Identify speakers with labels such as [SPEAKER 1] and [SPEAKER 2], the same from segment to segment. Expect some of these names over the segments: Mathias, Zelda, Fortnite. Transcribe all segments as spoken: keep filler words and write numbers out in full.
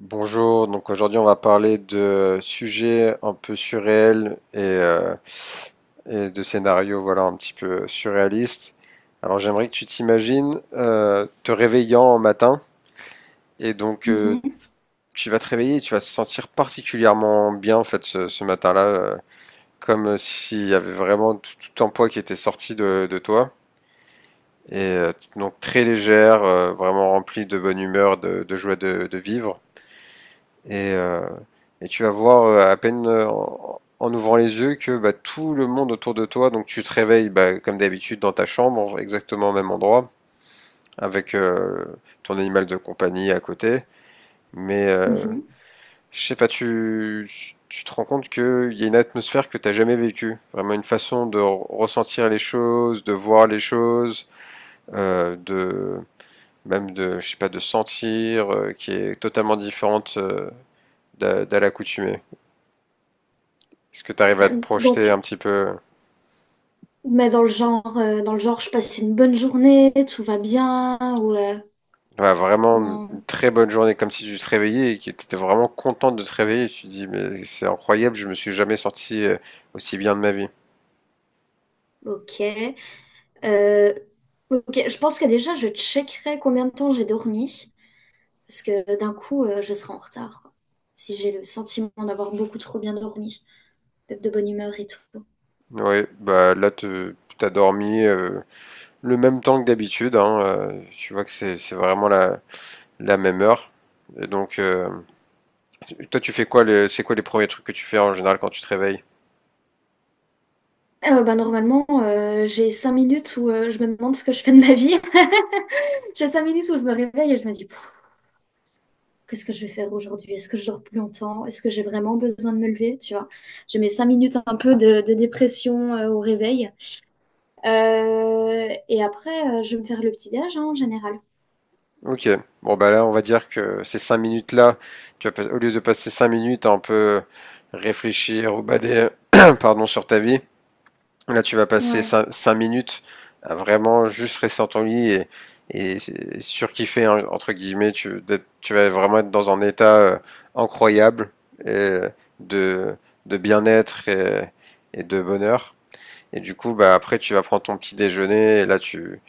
[SPEAKER 1] Bonjour, donc aujourd'hui on va parler de sujets un peu surréels et, euh, et de scénarios voilà, un petit peu surréalistes. Alors j'aimerais que tu t'imagines euh, te réveillant un matin et donc euh,
[SPEAKER 2] Mhm,
[SPEAKER 1] tu vas te réveiller et tu vas te sentir particulièrement bien en fait ce, ce matin-là, euh, comme s'il y avait vraiment tout, tout un poids qui était sorti de, de toi. Et euh, donc très légère, euh, vraiment remplie de bonne humeur, de, de joie de, de vivre. Et, euh, et tu vas voir euh, à peine euh, en, en ouvrant les yeux que bah, tout le monde autour de toi, donc tu te réveilles bah, comme d'habitude dans ta chambre, exactement au même endroit, avec euh, ton animal de compagnie à côté. Mais euh,
[SPEAKER 2] mhm.
[SPEAKER 1] je sais pas, tu, tu te rends compte qu'il y a une atmosphère que t'as jamais vécue. Vraiment une façon de re- ressentir les choses, de voir les choses, euh, de même de, je sais pas, de sentir, euh, qui est totalement différente euh, d'à d'à l'accoutumée. Est-ce que tu arrives à te
[SPEAKER 2] Euh,
[SPEAKER 1] projeter
[SPEAKER 2] Donc,
[SPEAKER 1] un petit peu?
[SPEAKER 2] mais dans le genre, euh, dans le genre, je passe une bonne journée, tout va bien, ou euh,
[SPEAKER 1] Ouais, vraiment une
[SPEAKER 2] comment?
[SPEAKER 1] très bonne journée, comme si tu te réveillais et que tu étais vraiment contente de te réveiller. Tu te dis, mais c'est incroyable, je me suis jamais sorti euh, aussi bien de ma vie.
[SPEAKER 2] Ok. Euh, ok, je pense que déjà, je checkerai combien de temps j'ai dormi, parce que d'un coup, euh, je serai en retard, quoi. Si j'ai le sentiment d'avoir beaucoup trop bien dormi, d'être de bonne humeur et tout.
[SPEAKER 1] Ouais, bah là, tu as dormi euh, le même temps que d'habitude. Hein, euh, tu vois que c'est c'est vraiment la, la même heure. Et donc, euh, toi, tu fais quoi, les- c'est quoi les premiers trucs que tu fais en général quand tu te réveilles?
[SPEAKER 2] Euh, bah, normalement, euh, j'ai cinq minutes où euh, je me demande ce que je fais de ma vie. J'ai cinq minutes où je me réveille et je me dis, qu'est-ce que je vais faire aujourd'hui? Est-ce que je dors plus longtemps? Est-ce que j'ai vraiment besoin de me lever? Tu vois, j'ai mes cinq minutes un peu de, de dépression euh, au réveil. Euh, et après, euh, je vais me faire le petit déj, hein, en général.
[SPEAKER 1] Ok, bon bah là on va dire que ces cinq minutes là, tu vas pas- au lieu de passer cinq minutes à un peu réfléchir ou bader pardon, sur ta vie, là tu vas passer
[SPEAKER 2] Ouais.
[SPEAKER 1] cin- cinq minutes à vraiment juste rester dans ton lit et, et surkiffer hein, entre guillemets, tu, d'être- tu vas vraiment être dans un état euh, incroyable et de, de bien-être et, et de bonheur. Et du coup bah après tu vas prendre ton petit déjeuner et là tu,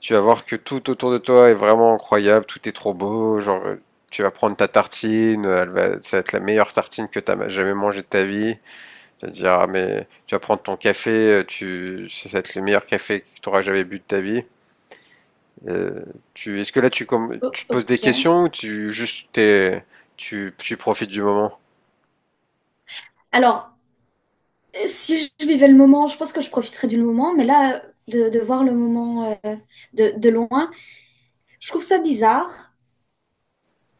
[SPEAKER 1] tu vas voir que tout autour de toi est vraiment incroyable, tout est trop beau, genre euh, tu vas prendre ta tartine, euh, elle va, ça va être la meilleure tartine que tu as jamais mangée de ta vie. Tu vas te dire, ah, mais tu vas prendre ton café, euh, tu, ça va être le meilleur café que tu auras jamais bu de ta vie. Euh, tu, est-ce que là tu, comme,
[SPEAKER 2] O-
[SPEAKER 1] tu te poses des
[SPEAKER 2] ok.
[SPEAKER 1] questions ou tu juste t'es, tu, tu profites du moment?
[SPEAKER 2] Alors, euh, si je vivais le moment, je pense que je profiterais du moment, mais là, de, de voir le moment euh, de, de loin, je trouve ça bizarre.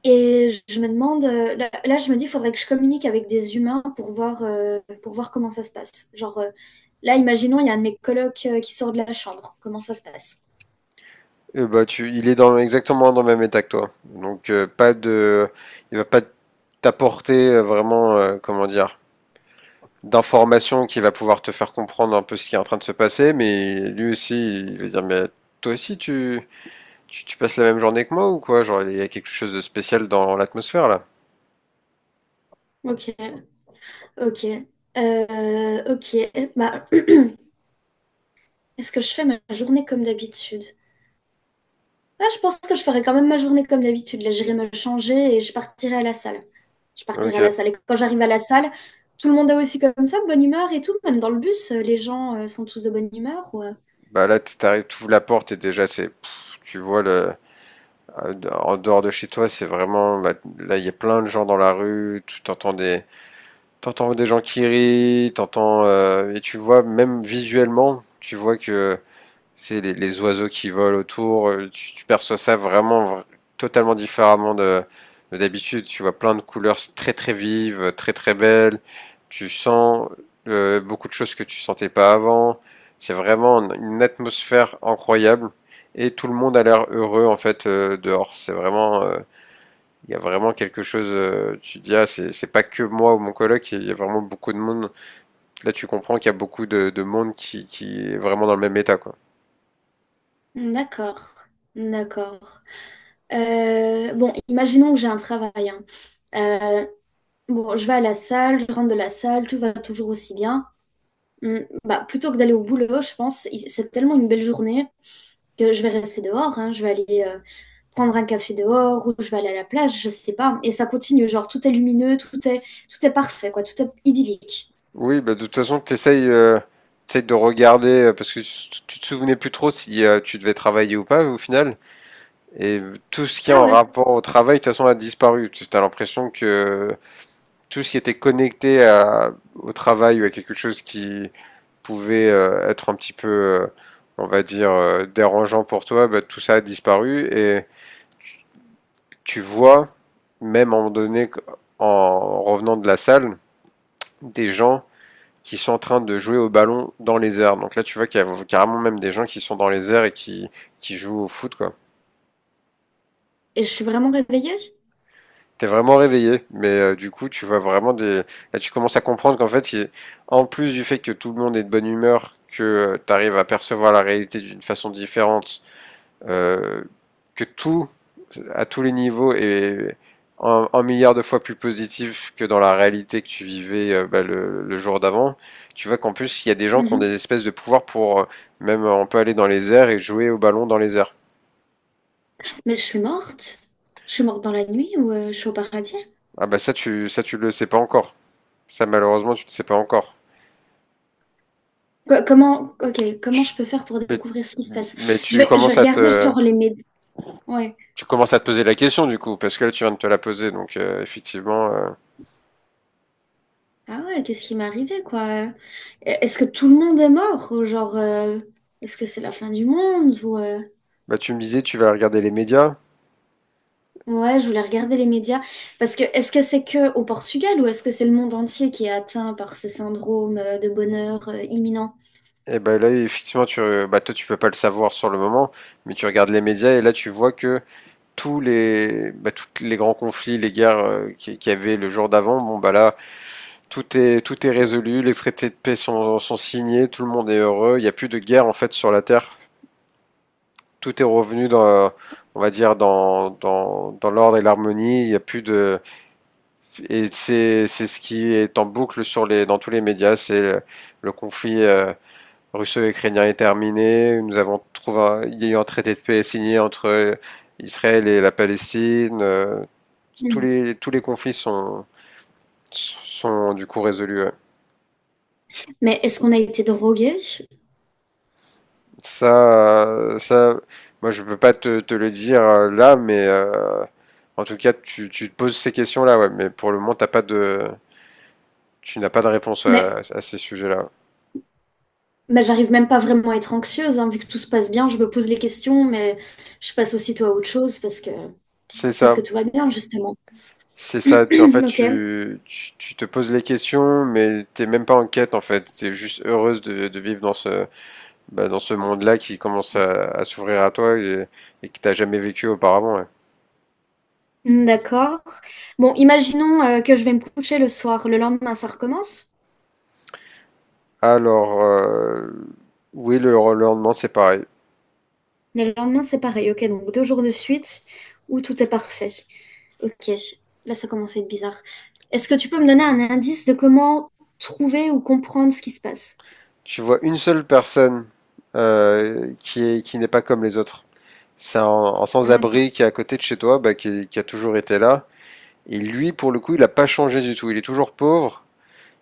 [SPEAKER 2] Et je me demande, euh, là, là, je me dis, il faudrait que je communique avec des humains pour voir, euh, pour voir comment ça se passe. Genre, euh, là, imaginons, il y a un de mes colocs euh, qui sort de la chambre. Comment ça se passe?
[SPEAKER 1] Euh, bah, tu, il est dans, exactement dans le même état que toi. Donc, euh, pas de, il va pas t'apporter euh, vraiment, euh, comment dire, d'informations qui va pouvoir te faire comprendre un peu ce qui est en train de se passer, mais lui aussi, il va dire, mais toi aussi, tu, tu, tu passes la même journée que moi ou quoi? Genre, il y a quelque chose de spécial dans l'atmosphère là.
[SPEAKER 2] Ok, ok, Euh, ok. Bah, est-ce que je fais ma journée comme d'habitude? Ah, je pense que je ferai quand même ma journée comme d'habitude. Là, j'irai me changer et je partirai à la salle. Je partirai
[SPEAKER 1] Ok.
[SPEAKER 2] à la salle. Et quand j'arrive à la salle, tout le monde est aussi comme ça, de bonne humeur et tout. Même dans le bus, euh, les gens euh, sont tous de bonne humeur. Ou, euh,
[SPEAKER 1] Bah là, t'arrives, tu ouvres la porte et déjà, c'est, tu vois le, en dehors de chez toi, c'est vraiment, bah, là, il y a plein de gens dans la rue, tu t'entends des, t'entends des gens qui rient, t'entends, euh, et tu vois même visuellement, tu vois que c'est les, les oiseaux qui volent autour. euh, Tu, tu perçois ça vraiment vra- totalement différemment de, de d'habitude. Tu vois plein de couleurs très très vives, très très belles. Tu sens euh, beaucoup de choses que tu sentais pas avant. C'est vraiment une une atmosphère incroyable et tout le monde a l'air heureux en fait euh, dehors. C'est vraiment, euh, il y a vraiment quelque chose. euh, tu te dis ah c'est c'est pas que moi ou mon coloc, il y a vraiment beaucoup de monde. Là tu comprends qu'il y a beaucoup de, de monde qui qui est vraiment dans le même état quoi.
[SPEAKER 2] D'accord, d'accord. Euh, bon, imaginons que j'ai un travail, hein. Euh, bon, je vais à la salle, je rentre de la salle, tout va toujours aussi bien. Hum, bah, plutôt que d'aller au boulot, je pense, il- c'est tellement une belle journée que je vais rester dehors, hein. Je vais aller euh, prendre un café dehors ou je vais aller à la plage, je sais pas. Et ça continue, genre tout est lumineux, tout est, tout est parfait, quoi, tout est idyllique.
[SPEAKER 1] Oui, bah, de toute façon, tu essayes, de regarder, euh, parce que tu tu te souvenais plus trop si euh, tu devais travailler ou pas au final. Et euh, tout ce qui est
[SPEAKER 2] Ah
[SPEAKER 1] en
[SPEAKER 2] ouais,
[SPEAKER 1] rapport au travail, de toute façon, a disparu. Tu as l'impression que euh, tout ce qui était connecté à- au travail ou à quelque chose qui pouvait euh, être un petit peu, euh, on va dire, euh, dérangeant pour toi, bah, tout ça a disparu. Et tu vois, même à un moment donné, en revenant de la salle, des gens qui sont en train de jouer au ballon dans les airs. Donc là, tu vois qu'il y a carrément même des gens qui sont dans les airs et qui, qui jouent au foot, quoi.
[SPEAKER 2] et je suis vraiment réveillée?
[SPEAKER 1] T'es vraiment réveillé, mais euh, du coup, tu vois vraiment des. Là, tu commences à comprendre qu'en fait, il- en plus du fait que tout le monde est de bonne humeur, que tu arrives à percevoir la réalité d'une façon différente euh, que tout, à tous les niveaux, est un, un milliard de fois plus positif que dans la réalité que tu vivais euh, bah, le, le jour d'avant, tu vois qu'en plus, il y a des gens qui ont
[SPEAKER 2] Mhm.
[SPEAKER 1] des espèces de pouvoirs pour, euh, même, euh, on peut aller dans les airs et jouer au ballon dans les airs.
[SPEAKER 2] Mais je suis morte? Je suis morte dans la nuit ou euh, je suis au paradis?
[SPEAKER 1] Ah bah ça, tu, ça, tu le sais pas encore. Ça, malheureusement, tu ne le sais pas encore.
[SPEAKER 2] Quoi- comment, ok, comment je
[SPEAKER 1] Tu-
[SPEAKER 2] peux faire pour découvrir ce qui se
[SPEAKER 1] Mais,
[SPEAKER 2] passe?
[SPEAKER 1] mais
[SPEAKER 2] Je
[SPEAKER 1] tu
[SPEAKER 2] vais, je vais
[SPEAKER 1] commences à
[SPEAKER 2] regarder
[SPEAKER 1] te,
[SPEAKER 2] genre les médias. Ouais.
[SPEAKER 1] tu commences à te poser la question, du coup, parce que là, tu viens de te la poser, donc euh, effectivement, euh,
[SPEAKER 2] Ah ouais, qu'est-ce qui m'est arrivé, quoi? Euh, Est-ce que tout le monde est mort? Ou genre, euh, est-ce que c'est la fin du monde? Ou euh,
[SPEAKER 1] bah tu me disais, tu vas regarder les médias.
[SPEAKER 2] Ouais, je voulais regarder les médias. Parce que est-ce que c'est que au Portugal ou est-ce que c'est le monde entier qui est atteint par ce syndrome euh, de bonheur euh, imminent?
[SPEAKER 1] Et ben là, effectivement, tu, euh, bah, toi, tu peux pas le savoir sur le moment, mais tu regardes les médias et là, tu vois que tous les, bah, tous les grands conflits, les guerres euh, qui- qu'il y avait le jour d'avant, bon, bah là, tout est, tout est résolu, les traités de paix sont, sont signés, tout le monde est heureux, il n'y a plus de guerre, en fait, sur la Terre. Tout est revenu, dans, on va dire, dans, dans, dans l'ordre et l'harmonie, il n'y a plus de, et c'est, c'est ce qui est en boucle sur les, dans tous les médias, c'est le, le conflit, euh, russo-ukrainien est terminé. Nous avons trouvé un, Il y a eu un traité de paix signé entre Israël et la Palestine. Euh, tous
[SPEAKER 2] Mm.
[SPEAKER 1] les, tous les conflits sont, sont du coup résolus. Ouais.
[SPEAKER 2] Mais est-ce qu'on a été drogué?
[SPEAKER 1] Ça, euh, ça, moi je peux pas te, te le dire euh, là, mais euh, en tout cas tu, tu te poses ces questions-là, ouais, mais pour le moment t'as pas de, tu n'as pas de réponse
[SPEAKER 2] Mais
[SPEAKER 1] à, à ces sujets-là.
[SPEAKER 2] Mais j'arrive même pas vraiment à être anxieuse, hein, vu que tout se passe bien, je me pose les questions, mais je passe aussitôt à autre chose parce que,
[SPEAKER 1] C'est
[SPEAKER 2] parce que
[SPEAKER 1] ça.
[SPEAKER 2] tout va bien, justement.
[SPEAKER 1] C'est ça, tu, en fait,
[SPEAKER 2] Ok,
[SPEAKER 1] tu, tu, tu te poses les questions, mais t'es même pas en quête, en fait. T'es juste heureuse de, de vivre dans ce, bah, dans ce monde-là qui commence à, à s'ouvrir à toi et, et que t'as jamais vécu auparavant. Ouais.
[SPEAKER 2] d'accord. Bon, imaginons euh, que je vais me coucher le soir, le lendemain ça recommence,
[SPEAKER 1] Alors, euh, oui, le, le lendemain, c'est pareil.
[SPEAKER 2] mais le lendemain c'est pareil, ok, donc deux jours de suite où tout est parfait. Ok, là ça commence à être bizarre. Est-ce que tu peux me donner un indice de comment trouver ou comprendre ce qui se passe?
[SPEAKER 1] Tu vois une seule personne euh, qui est, qui n'est pas comme les autres. C'est un, un
[SPEAKER 2] Ah.
[SPEAKER 1] sans-abri qui est à côté de chez toi, bah, qui, qui a toujours été là. Et lui, pour le coup, il a pas changé du tout. Il est toujours pauvre.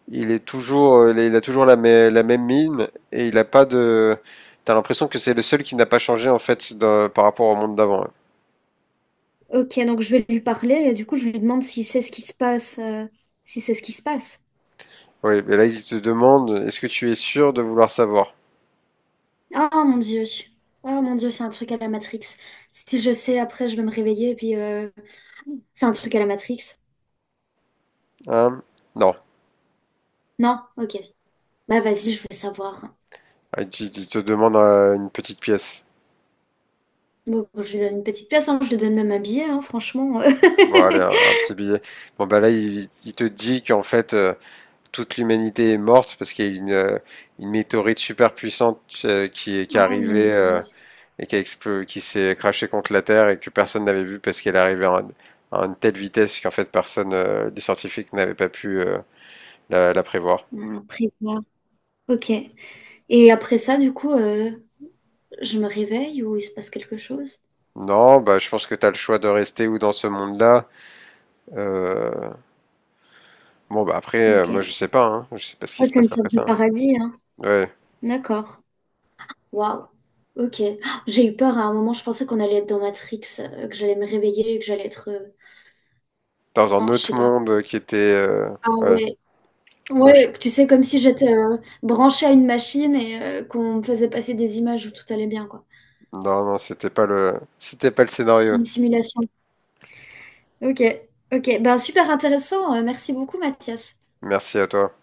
[SPEAKER 1] Il est toujours, euh, il a- toujours la, mê- la même mine et il a pas de. T'as l'impression que c'est le seul qui n'a pas changé en fait dans- par rapport au monde d'avant. Hein.
[SPEAKER 2] Ok, donc je vais lui parler et du coup je lui demande si c'est ce qui se passe, euh, si c'est ce qui se passe.
[SPEAKER 1] Oui, mais là il te demande, est-ce que tu es sûr de vouloir savoir?
[SPEAKER 2] Ah mon Dieu, ah mon Dieu, c'est un truc à la Matrix. Si je sais, après je vais me réveiller et puis euh, c'est un truc à la Matrix.
[SPEAKER 1] Hein? Non.
[SPEAKER 2] Non, ok. Bah vas-y, je veux savoir.
[SPEAKER 1] Ah, Il te il te demande euh, une petite pièce.
[SPEAKER 2] Bon, bon, je lui donne une petite pièce, hein, je lui donne même un billet, hein, franchement.
[SPEAKER 1] Bon, allez, un, un petit billet. Bon, bah là, il, il te dit qu'en fait, euh, toute l'humanité est morte parce qu'il y a une, euh, une météorite super puissante euh, qui est, qui est
[SPEAKER 2] Ah mon
[SPEAKER 1] arrivée
[SPEAKER 2] Dieu.
[SPEAKER 1] euh, et qui qui s'est crashée contre la Terre et que personne n'avait vu parce qu'elle arrivait à, un- à une telle vitesse qu'en fait personne, euh, les scientifiques n'avaient pas pu euh, la, la prévoir.
[SPEAKER 2] Ah, après, voilà. Ok. Et après ça, du coup, euh, je me réveille ou il se passe quelque chose?
[SPEAKER 1] Non, bah je pense que t'as le choix de rester ou dans ce monde-là. Euh, Bon bah après, euh, moi je
[SPEAKER 2] Ok.
[SPEAKER 1] sais pas, hein. Je sais pas ce qui
[SPEAKER 2] Oh,
[SPEAKER 1] se
[SPEAKER 2] c'est une
[SPEAKER 1] passe après
[SPEAKER 2] sorte de
[SPEAKER 1] ça. Hein.
[SPEAKER 2] paradis, hein.
[SPEAKER 1] Ouais,
[SPEAKER 2] D'accord. Waouh. Ok. Ah, j'ai eu peur à un moment, je pensais qu'on allait être dans Matrix, euh, que j'allais me réveiller, et que j'allais être... euh,
[SPEAKER 1] dans un
[SPEAKER 2] Enfin, je
[SPEAKER 1] autre
[SPEAKER 2] sais pas.
[SPEAKER 1] monde qui était, euh,
[SPEAKER 2] Ah
[SPEAKER 1] ouais.
[SPEAKER 2] ouais.
[SPEAKER 1] Non, je-
[SPEAKER 2] Ouais, tu sais, comme si j'étais euh, branchée à une machine et euh, qu'on me faisait passer des images où tout allait bien, quoi.
[SPEAKER 1] non, non, c'était pas le, c'était pas le scénario.
[SPEAKER 2] Une simulation. Ok, ok. Ben, super intéressant. Euh, merci beaucoup, Mathias.
[SPEAKER 1] Merci à toi.